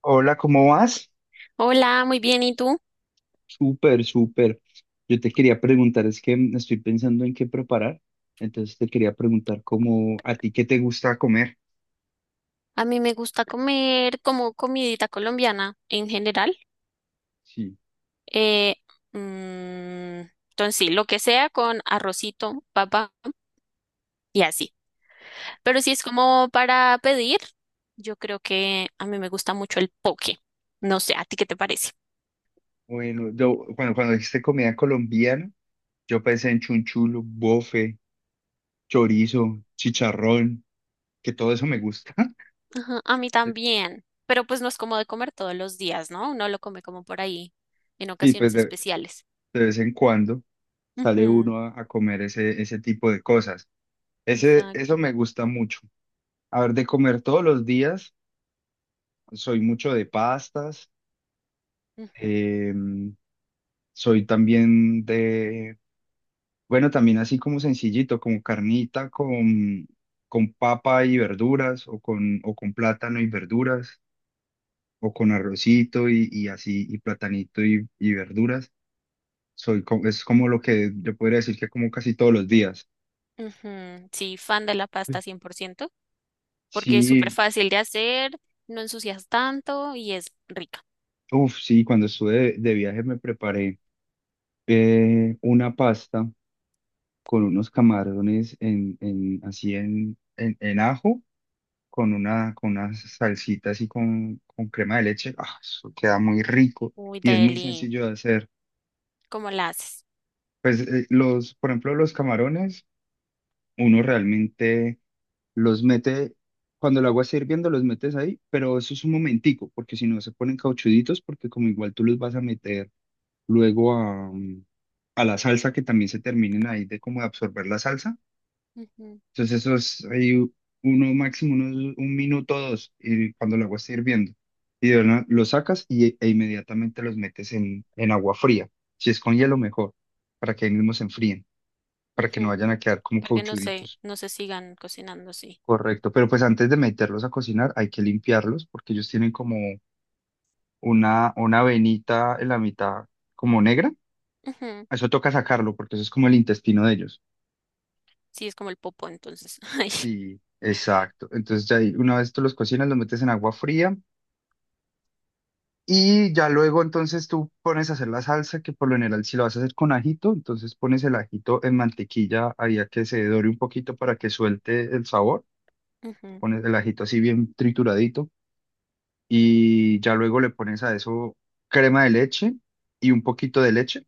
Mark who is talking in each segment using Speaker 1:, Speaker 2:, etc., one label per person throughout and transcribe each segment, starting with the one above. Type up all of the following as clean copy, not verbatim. Speaker 1: Hola, ¿cómo vas?
Speaker 2: Hola, muy bien. ¿Y tú?
Speaker 1: Súper, súper. Yo te quería preguntar, es que estoy pensando en qué preparar, entonces te quería preguntar cómo a ti qué te gusta comer.
Speaker 2: A mí me gusta comer como comidita colombiana en general.
Speaker 1: Sí.
Speaker 2: Eh, mm, entonces, sí, lo que sea con arrocito, papa y así. Pero si es como para pedir, yo creo que a mí me gusta mucho el poke. No sé, ¿a ti qué te parece?
Speaker 1: Bueno, yo cuando dijiste comida colombiana, yo pensé en chunchulo, bofe, chorizo, chicharrón, que todo eso me gusta.
Speaker 2: Ajá, a mí también. Pero pues no es como de comer todos los días, ¿no? Uno lo come como por ahí, en
Speaker 1: Sí,
Speaker 2: ocasiones especiales.
Speaker 1: de vez en cuando sale
Speaker 2: Ujú,
Speaker 1: uno a comer ese tipo de cosas. Eso
Speaker 2: exacto.
Speaker 1: me gusta mucho. A ver, de comer todos los días, soy mucho de pastas.
Speaker 2: Ujú.
Speaker 1: Eh, Soy también también así como sencillito, como carnita, con papa y verduras, o con plátano y verduras, o con arrocito y así, y platanito y verduras. Es como lo que yo podría decir que como casi todos los días.
Speaker 2: Ujú, sí, fan de la pasta 100% porque es súper
Speaker 1: Sí,
Speaker 2: fácil de hacer, no ensucias tanto y es rica.
Speaker 1: uff, sí, cuando estuve de viaje me preparé una pasta con unos camarones en, así en ajo con con unas salsitas y con crema de leche, ah, eso queda muy rico
Speaker 2: Uy,
Speaker 1: y es muy
Speaker 2: deli,
Speaker 1: sencillo de hacer.
Speaker 2: ¿cómo la haces?
Speaker 1: Pues por ejemplo, los camarones, uno realmente los mete, cuando el agua está hirviendo, los metes ahí, pero eso es un momentico, porque si no se ponen cauchuditos, porque como igual tú los vas a meter luego a la salsa, que también se terminen ahí de absorber la salsa.
Speaker 2: Ujú,
Speaker 1: Entonces eso es ahí uno máximo un minuto o dos y cuando el agua esté hirviendo. Y de verdad lo sacas e inmediatamente los metes en agua fría. Si es con hielo, mejor, para que ahí mismo se enfríen, para que no
Speaker 2: ujú,
Speaker 1: vayan a quedar como
Speaker 2: porque no sé,
Speaker 1: cauchuditos.
Speaker 2: no se sigan cocinando así.
Speaker 1: Correcto, pero pues antes de meterlos a cocinar hay que limpiarlos porque ellos tienen como una venita en la mitad como negra.
Speaker 2: Ujú,
Speaker 1: Eso toca sacarlo porque eso es como el intestino de ellos.
Speaker 2: sí, es como el popo entonces. Ay,
Speaker 1: Sí, exacto. Entonces ya ahí, una vez tú los cocinas, los metes en agua fría. Y ya luego entonces tú pones a hacer la salsa, que por lo general si lo vas a hacer con ajito, entonces pones el ajito en mantequilla ahí a que se dore un poquito para que suelte el sabor,
Speaker 2: ujú,
Speaker 1: pones el ajito así bien trituradito y ya luego le pones a eso crema de leche y un poquito de leche,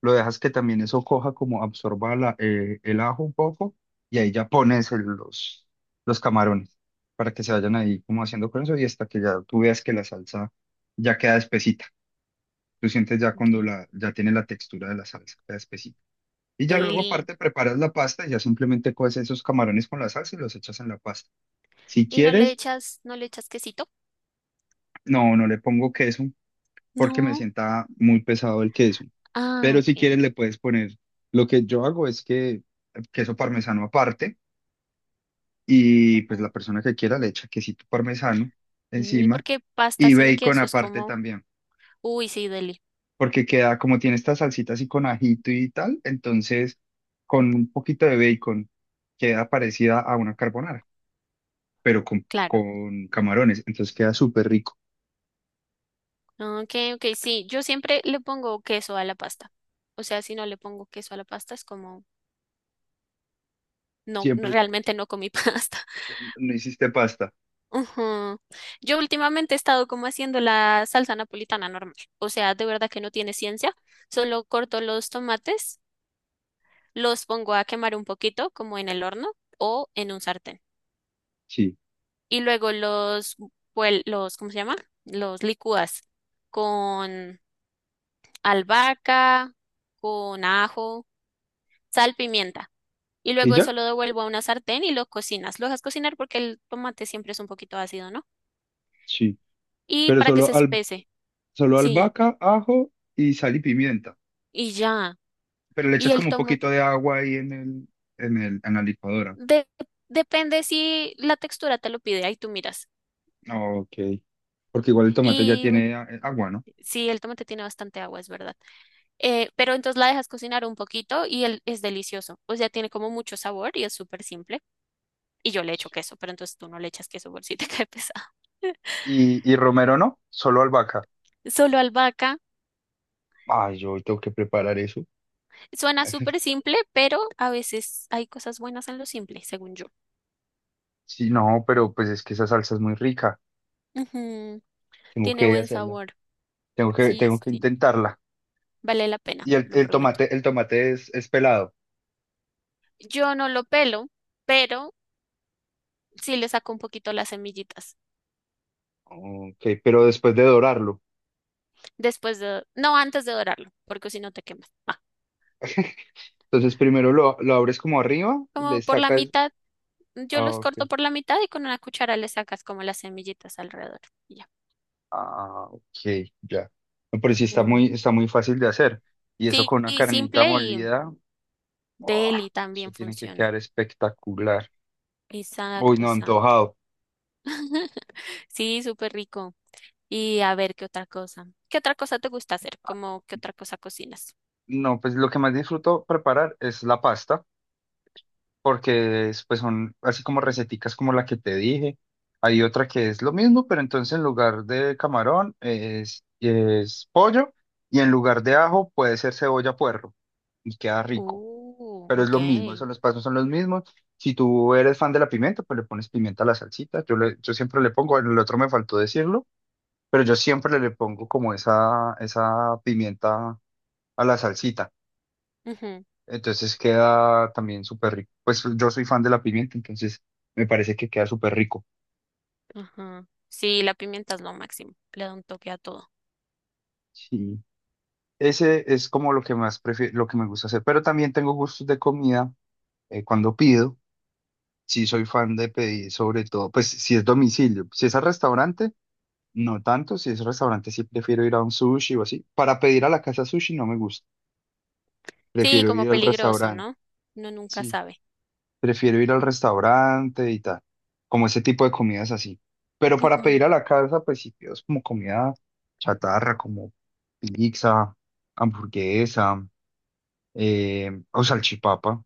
Speaker 1: lo dejas que también eso coja como absorba el ajo un poco y ahí ya pones los camarones para que se vayan ahí como haciendo con eso y hasta que ya tú veas que la salsa ya queda espesita. Tú sientes ya
Speaker 2: ok.
Speaker 1: ya tiene la textura de la salsa, la espesita. Y ya luego
Speaker 2: Deli.
Speaker 1: aparte preparas la pasta y ya simplemente coces esos camarones con la salsa y los echas en la pasta. Si
Speaker 2: ¿Y no le
Speaker 1: quieres,
Speaker 2: echas, no le echas quesito?
Speaker 1: no, no le pongo queso porque me
Speaker 2: No.
Speaker 1: sienta muy pesado el queso.
Speaker 2: Ah,
Speaker 1: Pero si
Speaker 2: ok.
Speaker 1: quieres le puedes poner, lo que yo hago es que queso parmesano aparte y pues la persona que quiera le echa quesito parmesano
Speaker 2: Y
Speaker 1: encima,
Speaker 2: porque pasta
Speaker 1: y
Speaker 2: sin
Speaker 1: bacon
Speaker 2: queso es
Speaker 1: aparte
Speaker 2: como,
Speaker 1: también.
Speaker 2: uy, sí, deli,
Speaker 1: Porque queda, como tiene esta salsita así con ajito y tal, entonces con un poquito de bacon queda parecida a una carbonara, pero
Speaker 2: claro.
Speaker 1: con camarones, entonces queda súper rico.
Speaker 2: Ah, ok, ok, sí, yo siempre le pongo queso a la pasta. O sea, si no le pongo queso a la pasta es como, no, no,
Speaker 1: Siempre
Speaker 2: realmente no comí pasta.
Speaker 1: no hiciste pasta,
Speaker 2: Ujú. Yo últimamente he estado como haciendo la salsa napolitana normal. O sea, de verdad que no tiene ciencia. Solo corto los tomates, los pongo a quemar un poquito, como en el horno o en un sartén.
Speaker 1: sí.
Speaker 2: Y luego los, los, ¿cómo se llama? Los licúas con albahaca, con ajo, sal, pimienta. Y
Speaker 1: ¿Y
Speaker 2: luego eso
Speaker 1: ya?
Speaker 2: lo devuelvo a una sartén y lo cocinas. Lo dejas cocinar porque el tomate siempre es un poquito ácido, ¿no?
Speaker 1: Sí,
Speaker 2: Y
Speaker 1: pero
Speaker 2: para que se espese.
Speaker 1: solo
Speaker 2: Sí,
Speaker 1: albahaca, ajo y sal y pimienta,
Speaker 2: y ya.
Speaker 1: pero le
Speaker 2: Y
Speaker 1: echas
Speaker 2: el
Speaker 1: como un
Speaker 2: tomate.
Speaker 1: poquito de agua ahí en el, en la licuadora.
Speaker 2: de- Depende si la textura te lo pide, ahí tú miras.
Speaker 1: Ok, porque igual el tomate ya
Speaker 2: Y bueno,
Speaker 1: tiene agua, ¿no?
Speaker 2: sí, el tomate tiene bastante agua, es verdad. Pero entonces la dejas cocinar un poquito y el, es delicioso. O sea, tiene como mucho sabor y es súper simple. Y yo le echo queso, pero entonces tú no le echas queso por si te cae pesado.
Speaker 1: Y romero no, solo albahaca.
Speaker 2: Solo albahaca.
Speaker 1: Ay, yo hoy tengo que preparar eso.
Speaker 2: Suena súper simple, pero a veces hay cosas buenas en lo simple, según yo.
Speaker 1: Sí, no, pero pues es que esa salsa es muy rica.
Speaker 2: Ujú,
Speaker 1: Tengo
Speaker 2: tiene
Speaker 1: que
Speaker 2: buen
Speaker 1: hacerla.
Speaker 2: sabor. Sí,
Speaker 1: Tengo
Speaker 2: sí,
Speaker 1: que
Speaker 2: sí.
Speaker 1: intentarla.
Speaker 2: Vale la pena, lo
Speaker 1: El
Speaker 2: prometo.
Speaker 1: tomate, es pelado.
Speaker 2: Yo no lo pelo, pero sí le saco un poquito las semillitas.
Speaker 1: Ok, pero después de dorarlo.
Speaker 2: Después de, no antes de dorarlo, porque si no te quemas. Ah,
Speaker 1: Entonces primero lo abres como arriba y
Speaker 2: como
Speaker 1: le
Speaker 2: por la
Speaker 1: sacas.
Speaker 2: mitad, yo
Speaker 1: Ah,
Speaker 2: los
Speaker 1: ok.
Speaker 2: corto por la mitad y con una cuchara le sacas como las semillitas alrededor. Y ya.
Speaker 1: Ah, ok, ya. No, pero sí está
Speaker 2: Ujú.
Speaker 1: está muy fácil de hacer. Y eso
Speaker 2: Sí,
Speaker 1: con una
Speaker 2: y
Speaker 1: carnita
Speaker 2: simple y
Speaker 1: molida. ¡Ah!
Speaker 2: deli
Speaker 1: Eso
Speaker 2: también
Speaker 1: tiene que
Speaker 2: funciona.
Speaker 1: quedar espectacular. Uy,
Speaker 2: Exacto,
Speaker 1: no,
Speaker 2: exacto.
Speaker 1: antojado.
Speaker 2: Sí, súper rico. Y a ver, ¿qué otra cosa? ¿Qué otra cosa te gusta hacer? ¿Cómo qué otra cosa cocinas?
Speaker 1: No, pues lo que más disfruto preparar es la pasta. Porque es, pues son así como receticas como la que te dije. Hay otra que es lo mismo, pero entonces en lugar de camarón es pollo y en lugar de ajo puede ser cebolla puerro y queda rico, pero es
Speaker 2: Ok.
Speaker 1: lo mismo, esos los pasos son los mismos. Si tú eres fan de la pimienta, pues le pones pimienta a la salsita. Yo siempre le pongo, el otro me faltó decirlo, pero yo siempre le, le pongo como esa pimienta a la salsita.
Speaker 2: Ujú,
Speaker 1: Entonces queda también súper rico. Pues yo soy fan de la pimienta, entonces me parece que queda súper rico.
Speaker 2: ajá. Sí, la pimienta es lo máximo. Le da un toque a todo.
Speaker 1: Sí. Ese es como lo que más prefiero, lo que me gusta hacer. Pero también tengo gustos de comida, cuando pido. Sí, soy fan de pedir, sobre todo, pues si es domicilio. Si es al restaurante, no tanto. Si es restaurante, sí prefiero ir a un sushi o así. Para pedir a la casa sushi no me gusta.
Speaker 2: Sí,
Speaker 1: Prefiero
Speaker 2: como
Speaker 1: ir al
Speaker 2: peligroso,
Speaker 1: restaurante.
Speaker 2: ¿no? Uno nunca
Speaker 1: Sí.
Speaker 2: sabe.
Speaker 1: Prefiero ir al restaurante y tal, como ese tipo de comidas así. Pero para
Speaker 2: Ujú,
Speaker 1: pedir a la casa, pues sí pido es como comida chatarra, como pizza, hamburguesa, o salchipapa.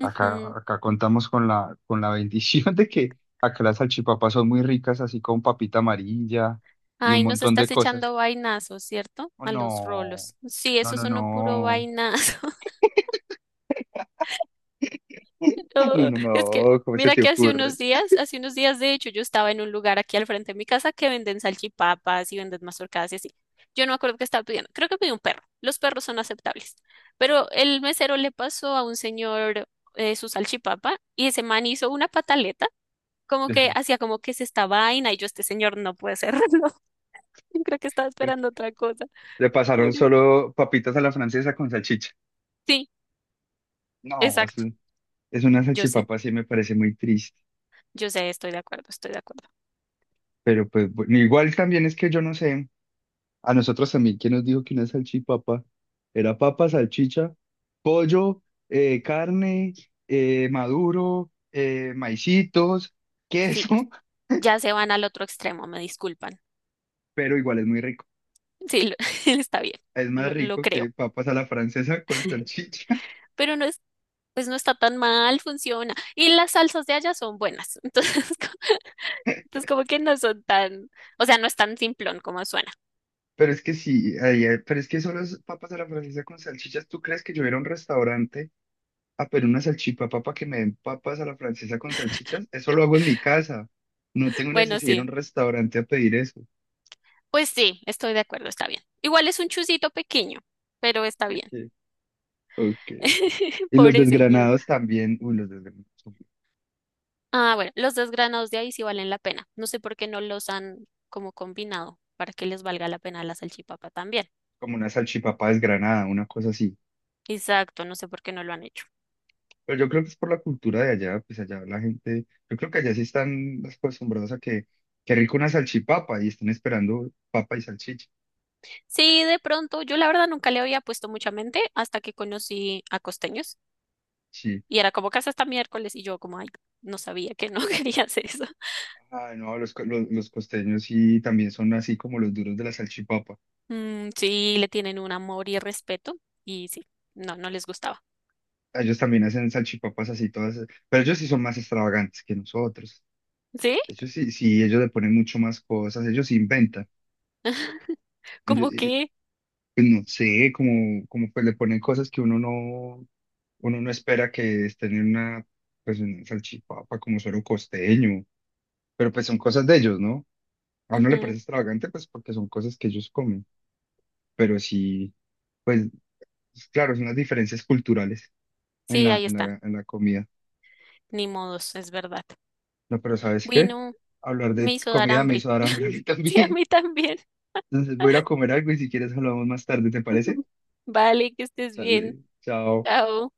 Speaker 1: Acá contamos con con la bendición de que acá las salchipapas son muy ricas, así con papita amarilla y un
Speaker 2: Ay, nos
Speaker 1: montón de
Speaker 2: estás
Speaker 1: cosas.
Speaker 2: echando vainazos, ¿cierto?
Speaker 1: Oh,
Speaker 2: A los
Speaker 1: no,
Speaker 2: rolos. Sí,
Speaker 1: no,
Speaker 2: eso
Speaker 1: no,
Speaker 2: es uno puro
Speaker 1: no,
Speaker 2: vainazo.
Speaker 1: no,
Speaker 2: Oh,
Speaker 1: no,
Speaker 2: es que,
Speaker 1: no, ¿cómo se
Speaker 2: mira
Speaker 1: te
Speaker 2: que
Speaker 1: ocurre?
Speaker 2: hace unos días, de hecho, yo estaba en un lugar aquí al frente de mi casa que venden salchipapas y venden mazorcadas y así. Yo no me acuerdo qué estaba pidiendo. Creo que pedí un perro. Los perros son aceptables. Pero el mesero le pasó a un señor su salchipapa y ese man hizo una pataleta, como que hacía como que es esta vaina y yo, este señor no puede hacerlo. Yo creo que estaba esperando otra cosa.
Speaker 1: Le pasaron
Speaker 2: Pobre.
Speaker 1: solo papitas a la francesa con salchicha.
Speaker 2: Sí,
Speaker 1: No, es,
Speaker 2: exacto.
Speaker 1: es una
Speaker 2: Yo sé,
Speaker 1: salchipapa, sí me parece muy triste.
Speaker 2: yo sé, estoy de acuerdo, estoy de acuerdo.
Speaker 1: Pero pues bueno, igual también es que yo no sé, a nosotros también, ¿quién nos dijo que una salchipapa era papa, salchicha, pollo, carne, maduro, maicitos,
Speaker 2: Sí,
Speaker 1: queso?
Speaker 2: ya se van al otro extremo, me disculpan.
Speaker 1: Pero igual es muy rico.
Speaker 2: Sí, está bien,
Speaker 1: Es más
Speaker 2: lo
Speaker 1: rico que
Speaker 2: creo.
Speaker 1: papas a la francesa con salchicha.
Speaker 2: Pero no es, pues no está tan mal, funciona. Y las salsas de allá son buenas. Entonces, entonces como que no son tan, o sea, no es tan simplón como suena.
Speaker 1: Pero es que sí, ay, ay, pero es que solo es papas a la francesa con salchichas. ¿Tú crees que yo era a un restaurante? Ah, pero una salchipapa para que me den papas a la francesa con salchichas, eso lo hago en mi casa. No tengo
Speaker 2: Bueno,
Speaker 1: necesidad de ir a un
Speaker 2: sí,
Speaker 1: restaurante a pedir eso.
Speaker 2: pues sí, estoy de acuerdo, está bien. Igual es un chusito pequeño, pero está bien.
Speaker 1: Ok, ok. Ok. Y los
Speaker 2: Pobre señor.
Speaker 1: desgranados también, uy, los desgranados, son
Speaker 2: Ah, bueno, los desgranados de ahí sí valen la pena. No sé por qué no los han como combinado para que les valga la pena la salchipapa también.
Speaker 1: como una salchipapa desgranada, una cosa así.
Speaker 2: Exacto, no sé por qué no lo han hecho.
Speaker 1: Pero yo creo que es por la cultura de allá, pues allá la gente, yo creo que allá sí están acostumbrados a que, qué rico una salchipapa y están esperando papa y salchicha.
Speaker 2: Sí, de pronto, yo la verdad nunca le había puesto mucha mente hasta que conocí a costeños
Speaker 1: Sí.
Speaker 2: y era como casa hasta miércoles y yo como, ay, no sabía que no querías eso.
Speaker 1: Ay, no, los costeños sí también son así como los duros de la salchipapa.
Speaker 2: Mm, sí, le tienen un amor y respeto y sí, no, no les gustaba.
Speaker 1: Ellos también hacen salchipapas así todas, pero ellos sí son más extravagantes que nosotros.
Speaker 2: ¿Sí?
Speaker 1: Ellos sí, sí, ellos le ponen mucho más cosas, ellos sí inventan. Ellos,
Speaker 2: Como que...
Speaker 1: pues no sé, como pues le ponen cosas que uno no espera que estén en una, pues en una salchipapa como suero costeño, pero pues son cosas de ellos, ¿no? A uno le
Speaker 2: ujú,
Speaker 1: parece extravagante pues porque son cosas que ellos comen, pero sí, pues claro, son las diferencias culturales
Speaker 2: sí, ahí está.
Speaker 1: en la comida.
Speaker 2: Ni modos, es verdad.
Speaker 1: No, pero ¿sabes qué?
Speaker 2: Bueno,
Speaker 1: Hablar
Speaker 2: me
Speaker 1: de
Speaker 2: hizo dar
Speaker 1: comida me
Speaker 2: hambre.
Speaker 1: hizo dar hambre a mí
Speaker 2: Sí, a
Speaker 1: también.
Speaker 2: mí también.
Speaker 1: Entonces voy a ir a comer algo y si quieres hablamos más tarde, ¿te parece?
Speaker 2: Vale, que estés bien.
Speaker 1: Dale, chao.
Speaker 2: Chao.